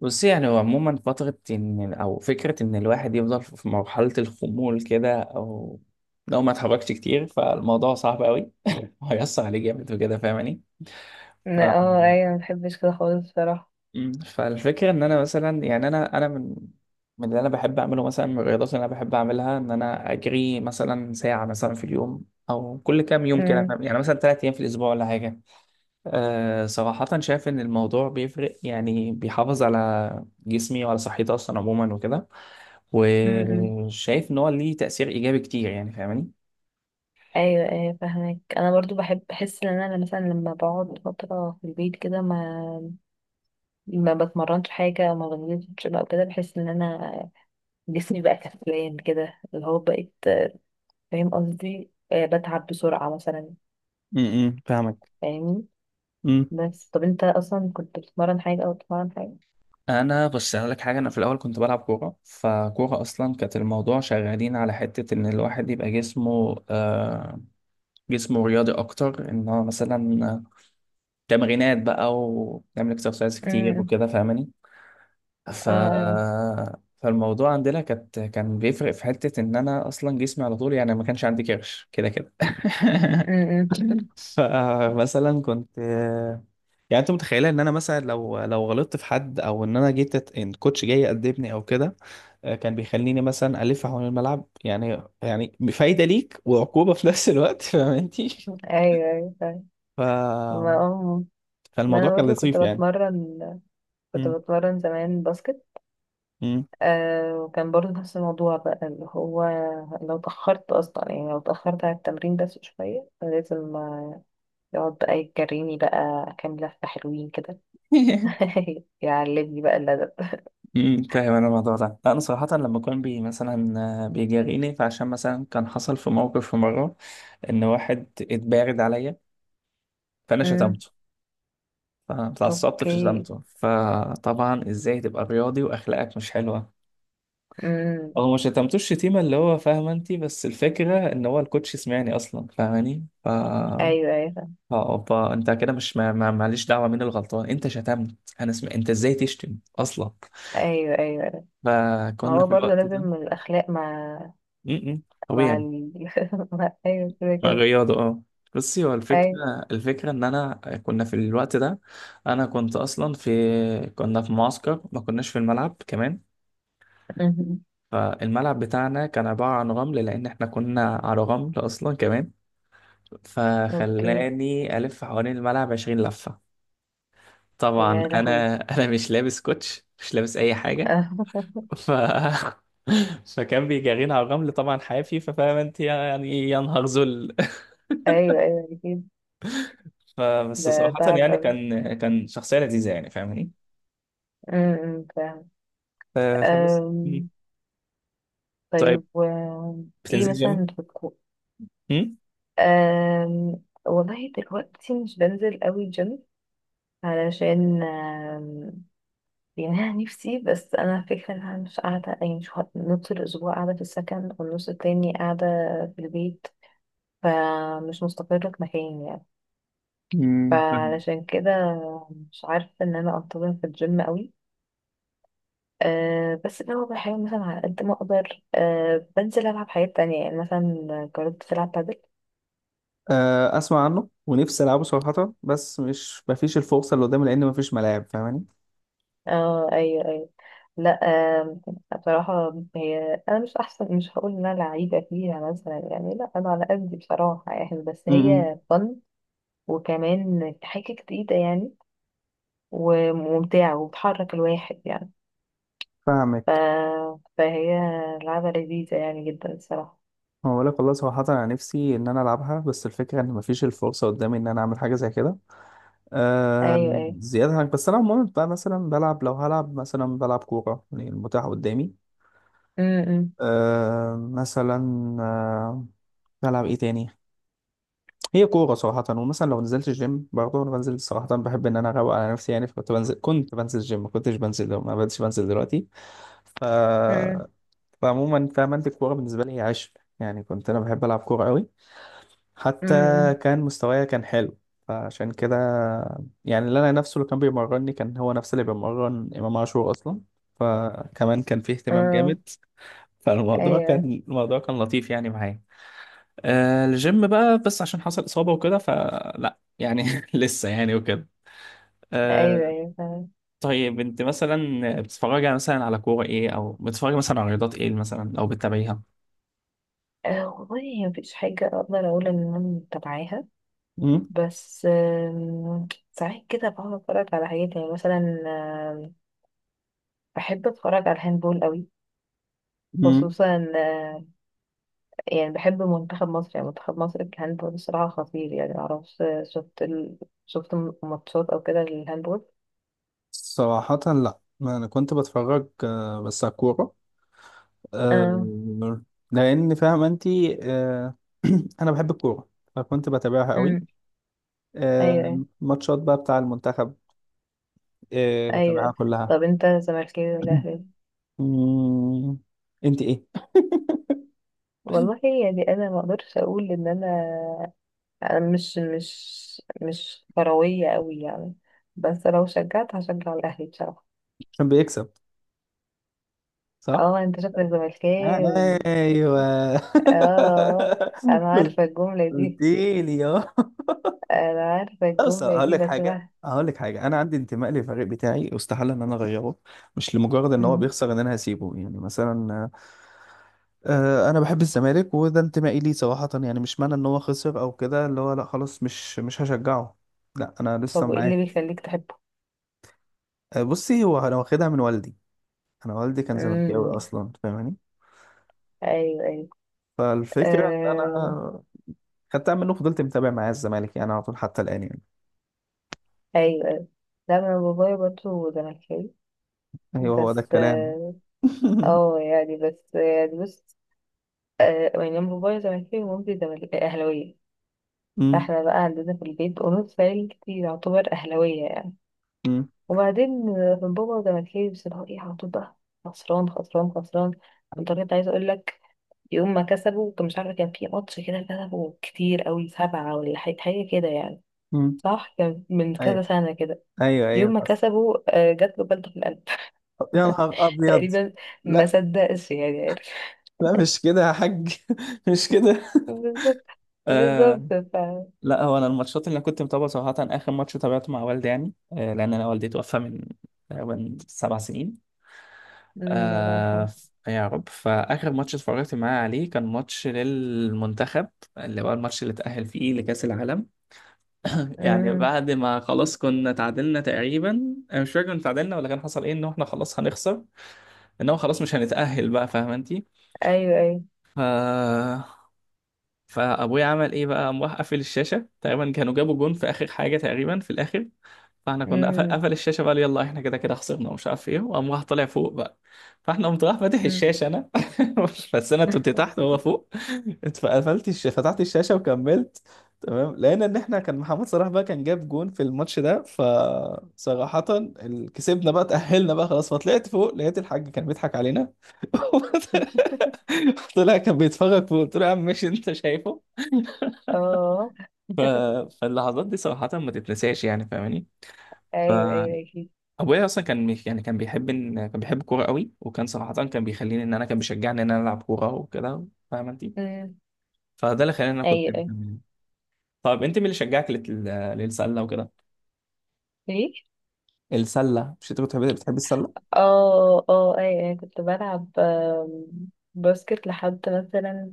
بص، يعني هو عموما فترة إن، أو فكرة إن الواحد يفضل في مرحلة الخمول كده، أو لو ما اتحركش كتير فالموضوع صعب أوي. هيأثر عليه جامد وكده، فاهماني؟ ف... لا، ايوه ما بحبش كده خالص بصراحه. فالفكرة إن أنا مثلا، يعني أنا من اللي أنا بحب أعمله، مثلا من الرياضات اللي أنا بحب أعملها، إن أنا أجري مثلا ساعة مثلا في اليوم، أو كل كام يوم كده، امم، فاهم؟ يعني مثلا 3 أيام في الأسبوع ولا حاجة. أه، صراحة شايف إن الموضوع بيفرق، يعني بيحافظ على جسمي وعلى صحتي أصلا عموما وكده، امم. وشايف ان هو ليه تأثير ايجابي كتير، يعني فاهماني؟ ايوه، ايوه، فاهمك. انا برضو بحب بحس ان انا مثلا لما بقعد فتره في البيت كده ما بتمرنش حاجه او ما بنزلش بقى كده، بحس ان انا جسمي بقى كسلان كده اللي هو بقيت، فاهم قصدي؟ بتعب بسرعه مثلا. امم، فاهمك. فاهمني؟ امم. بس طب انت اصلا كنت بتتمرن حاجه او بتتمرن حاجه؟ انا بص، هقول لك حاجه. انا في الاول كنت بلعب كوره، فكوره اصلا كانت الموضوع شغالين على حته ان الواحد يبقى جسمه جسمه رياضي اكتر، ان هو مثلا تمرينات بقى، ونعمل اكسرسايز كتير امم. وكده، فاهماني؟ ف اه. آه. فالموضوع عندنا كان بيفرق في حتة إن أنا أصلا جسمي على طول، يعني ما كانش عندي كرش كده كده. امم. فمثلا كنت، يعني أنت متخيلة إن أنا مثلا لو غلطت في حد، أو إن أنا إن الكوتش جاي يأدبني أو كده، كان بيخليني مثلا ألف حوالين الملعب، يعني يعني فايدة ليك وعقوبة في نفس الوقت. فاهم أنتي؟ ايوه، ايوه، فاهم. ف ما آه، ما فالموضوع انا كان برضو كنت لطيف يعني. بتمرن كنت م- بتمرن زمان باسكت. م. وكان برضه نفس الموضوع بقى، اللي هو لو اتأخرت أصلا يعني لو اتأخرت على التمرين بس شوية لازم، يقعد بقى يجريني بقى كام لفة حلوين كده. يعلمني بقى الأدب. امم، فاهم. انا الموضوع ده، لا انا صراحه لما كان بي مثلا بيجاريني. فعشان مثلا كان حصل في موقف في مره ان واحد اتبارد عليا، فانا أمم، شتمته، فاتعصبت في أوكي، شتمته. فطبعا، ازاي تبقى رياضي واخلاقك مش حلوه؟ أمم، هو ما شتمتوش شتيمه اللي هو فاهمه انت، بس الفكره ان هو الكوتش سمعني اصلا، فاهماني؟ ف آه، أيوه، أيوه، اوبا، انت كده مش معلش، دعوه مين الغلطان، انت شتمت. انت ازاي تشتم اصلا؟ أيوه، أيوه، أيوة. ما فكنا هو في برضه الوقت ده لازم الأخلاق مع م- م. مع طبيعي، ال... مع... أيوه كده كده، رياضة. اه، بصي، هو الفكرة، أيوه، إن أنا كنا في الوقت ده، أنا كنت أصلا في كنا في معسكر، ما كناش في الملعب كمان. أمم، فالملعب بتاعنا كان عبارة عن رمل، لأن إحنا كنا على رمل أصلا كمان. أوكي، فخلاني ألف حوالين الملعب 20 لفة. طبعا يا لهوي. أنا مش لابس كوتش، مش لابس أي حاجة. ف فكان بيجرينا على الرمل طبعا حافي. ففاهم انت يعني، يا نهار ذل. أيوه، أيوه، أكيد. فبس ده صراحة تعب. يعني، كان كان شخصية لذيذة، يعني فاهماني؟ امم، فاهم. فبس مم. أم، طيب، طيب و ايه بتنزل جيم؟ مثلا بتكون؟ مم؟ والله دلوقتي مش بنزل قوي جيم، علشان يعني انا نفسي، بس انا فكرة ان انا مش قاعدة، يعني مش هقعد نص الاسبوع قاعدة في السكن والنص التاني قاعدة في البيت، فمش مستقرة في مكاني يعني. مم. فاهم. فعلشان كده مش عارفة ان انا انتظم في الجيم قوي. أه، بس اللي هو بحاول مثلا على قد ما اقدر، بنزل العب حاجات تانية يعني، مثلا جربت تلعب بادل. آه، اسمع عنه ونفسي العبه صراحه، بس مش مفيش الفرصه اللي قدامي، لان مفيش ملاعب، فاهماني؟ اه، ايوه، ايوه. لا. أه. بصراحة هي انا مش احسن، مش هقول ان انا لعيبة فيها مثلا يعني، لا انا على قدي بصراحة يعني، بس مم. هي فن، وكمان حاجة جديدة يعني، وممتعة وبتحرك الواحد يعني. فاهمك. ف... فهي لعبة لذيذة يعني جدا الصراحة. هو بقولك والله صراحة، أنا نفسي إن أنا ألعبها، بس الفكرة إن مفيش الفرصة قدامي إن أنا أعمل حاجة زي كده، ايوه، آه، ايوه، زيادة عن، بس أنا عموما بقى مثلا بلعب، لو هلعب مثلا بلعب كورة، يعني المتاح قدامي. امم، امم، أه مثلا، أه، بلعب ايه تاني؟ هي كورة صراحة. ومثلا لو نزلت الجيم، برضه انا بنزل صراحة، بحب ان انا اروق على نفسي يعني. فكنت بنزل، كنت بنزل الجيم، ما كنتش بنزل، لو ما بديش بنزل دلوقتي. ف امم، فعموما فاهم انت، الكورة بالنسبة لي هي عشق، يعني كنت انا بحب العب كورة قوي. حتى أمم. كان مستوايا كان حلو. فعشان كده يعني، اللي انا نفسه اللي كان بيمرني كان هو نفس اللي بيمرن امام عاشور اصلا، فكمان كان فيه اهتمام جامد. اه، فالموضوع ايوه، كان، الموضوع كان لطيف يعني معايا. آه، الجيم بقى بس عشان حصل إصابة وكده، فلا يعني لسه يعني وكده. ايوه، آه. ايوه فعلا. طيب، انت مثلا بتتفرجي، يعني مثلا على كورة ايه، او بتتفرجي مثلا على رياضات ايه مثلا، او بتتابعيها؟ آه والله، هي مفيش حاجة اقدر اقول ان انا متابعاها. مم. بس، ساعات كده بقعد اتفرج على حاجات يعني مثلا، آم، بحب اتفرج على الهاندبول قوي، مم. خصوصا يعني بحب منتخب مصر، يعني منتخب مصر في الهاندبول الصراحة خطير يعني. معرفش، شفت ماتشات او كده للهاندبول؟ صراحة لا، ما أنا كنت بتفرج بس على الكورة، آه، آه. لأن فاهم أنت، آه، أنا بحب الكورة، فكنت بتابعها قوي. أمم، ايوه، ايوه، آه، ماتشات بقى بتاع المنتخب، آه، بتابعها ايوه. كلها. طب انت زملكاوي ولا اهلاوي؟ مم. انت ايه؟ والله يعني انا ما اقدرش اقول ان انا أنا مش كروية قوي يعني. بس لو شجعت هشجع الأهلي بصراحة. عشان بيكسب، صح؟ اه، انت شكلك زملكاوي. ايوه. اه، انا عارفة الجملة قلت دي، لي اه. انا عارفة لا، بس الجملة هقول دي لك حاجه، بسمعها. هقول لك حاجه انا عندي انتماء للفريق بتاعي، استحاله ان انا اغيره. مش لمجرد ان هو مم. بيخسر ان انا هسيبه يعني مثلا. آه، انا بحب الزمالك، وده انتمائي ليه صراحه يعني. مش معنى ان هو خسر او كده اللي هو، لا خلاص مش هشجعه. لا انا لسه طب، وايه معاه. اللي بيخليك تحبه؟ آه، بصي، هو انا واخدها من والدي. انا والدي كان امم، زملكاوي اصلا، فاهماني؟ ايوه، ايوه، فالفكرة إن آه. أنا خدتها منه، فضلت متابع معاه الزمالك يعني على طول حتى الآن يعني. ايوه، ايوه. لا انا بابايا برضه زملكاوي، أيوه، هو ده بس الكلام. يعني بس يعني بس يعني أنا بابايا زملكاوي ومامتي اهلاوية. أمم. فاحنا بقى عندنا في البيت قرود فايل كتير، يعتبر أهلاوية يعني. أمم. وبعدين، بابا زملكاوي، بس اللي هو ايه؟ على طول بقى خسران خسران خسران، بطريقة عايزة اقول لك. يوم ما كسبوا، كان مش عارفة، كان في ماتش كده كسبوا كتير قوي، سبعة ولا حاجة، حاجة كده يعني. أمم. صح كان من أيوه كذا سنة كده. أيوه يوم أيوه، ما حصل. كسبوا جات له بلطة في القلب. طب يا نهار أبيض. تقريبا. ما لا. صدقش يعني، عارف. لا مش كده يا حاج، مش كده. بالظبط، آه. بالظبط. لا، هو أنا الماتشات اللي كنت متابعة صراحة، آخر ماتش تابعته مع والدي يعني، آه، لأن أنا والدي توفى من تقريبا 7 سنين. أمم، الله آه، يرحمه. يا رب. فآخر ماتش اتفرجت معاه عليه كان ماتش للمنتخب، اللي هو الماتش اللي اتأهل فيه لكأس العالم. يعني أمم، بعد ما خلاص كنا تعادلنا تقريبا، انا مش فاكر كنا تعادلنا ولا كان حصل ايه، ان احنا خلاص هنخسر، ان هو خلاص مش هنتأهل بقى، فاهمه انت؟ ايوه، ايوه، ف... فابويا عمل ايه بقى، قام راح قافل الشاشة، تقريبا كانوا جابوا جون في آخر حاجة تقريبا في الآخر. فاحنا كنا قفل، أمم، قفل الشاشه بقى، يلا احنا كده كده خسرنا، ومش عارف ايه، وقام راح طالع فوق بقى. فاحنا قمت راح فاتح أمم. الشاشه انا. بس انا كنت تحت وهو فوق. فتحت الشاشه وكملت. تمام، لقينا ان احنا كان محمد صلاح بقى كان جاب جون في الماتش ده. فصراحه كسبنا بقى، تاهلنا بقى خلاص. فطلعت فوق، لقيت الحاج كان بيضحك علينا. طلع كان بيتفرج فوق. قلت له يا عم ماشي، انت شايفه. اه، ف... فاللحظات دي صراحه ما تتنساش يعني، فاهماني؟ ايوه، ايوه، ايوه، اكيد. ابويا اصلا يعني كان بيحب الكوره قوي، وكان صراحه كان بيخليني ان انا، كان بيشجعني ان انا العب كوره وكده، فاهم انت؟ مم. فده اللي خلاني ان انا كنت ايوه، ايوه. مكمل. طيب، انت مين اللي شجعك للسله وكده؟ ايه؟ السله، مش انت كنت بتحب السله؟ اه، اه، ايوه، ايوه، كنت بلعب باسكت لحد مثلا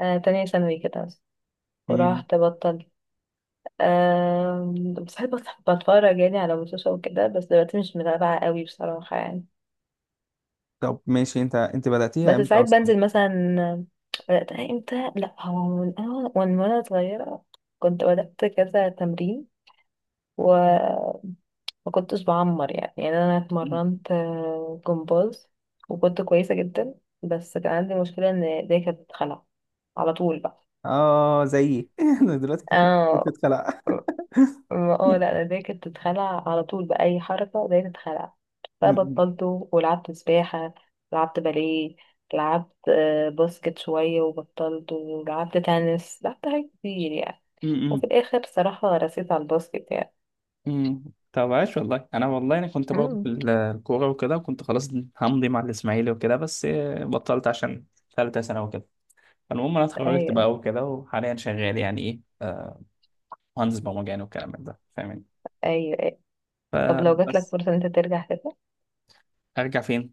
تانية ثانوي كده مثلا. امم. ورحت بطلت. بس بحب بتفرج يعني على ماتشات وكده، بس دلوقتي مش متابعة قوي بصراحة يعني. طب ماشي، انت انت بداتيها بس امتى ساعات اصلا؟ بنزل مثلا. بدأت امتى؟ لا هو من وانا صغيرة كنت بدأت كذا تمرين، ما كنتش بعمر يعني انا مم. اتمرنت جمباز، وكنت كويسه جدا. بس كان عندي مشكله ان ايديا كانت بتتخلع على طول بقى. اه زيي. انا دلوقتي كتفي، كتفي اه. اتخلع. اه، لا انا ايديا كانت بتتخلع على طول، باي حركه ايديا تتخلع. م- فبطلته ولعبت سباحه، لعبت باليه، لعبت باسكت شويه وبطلته، ولعبت تنس، لعبت حاجات كتير يعني. م- وفي الاخر صراحه رسيت على الباسكت يعني. امم. طب عاش، والله انا، والله انا كنت برضه مم. في الكوره وكده، وكنت خلاص همضي مع الاسماعيلي وكده، بس آه، بطلت عشان ثالثه سنه وكده. فالمهم انا اتخرجت ايوه، بقى وكده، وحاليا شغال يعني ايه، آه، مهندس برمجان والكلام من ده، فاهمني؟ ايوه، أيوة. طب لو جاتلك فبس. فرصه ان انت ترجع ارجع فين؟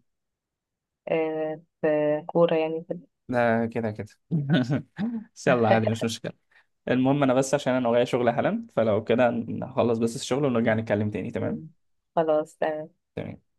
في كورة يعني، لا كده كده. بس يلا عادي، مش مشكله. المهم انا بس عشان انا ورايا شغل حالا، فلو كده نخلص بس الشغل ونرجع نتكلم تاني، تمام؟ ال- خلاص تمام. تمام.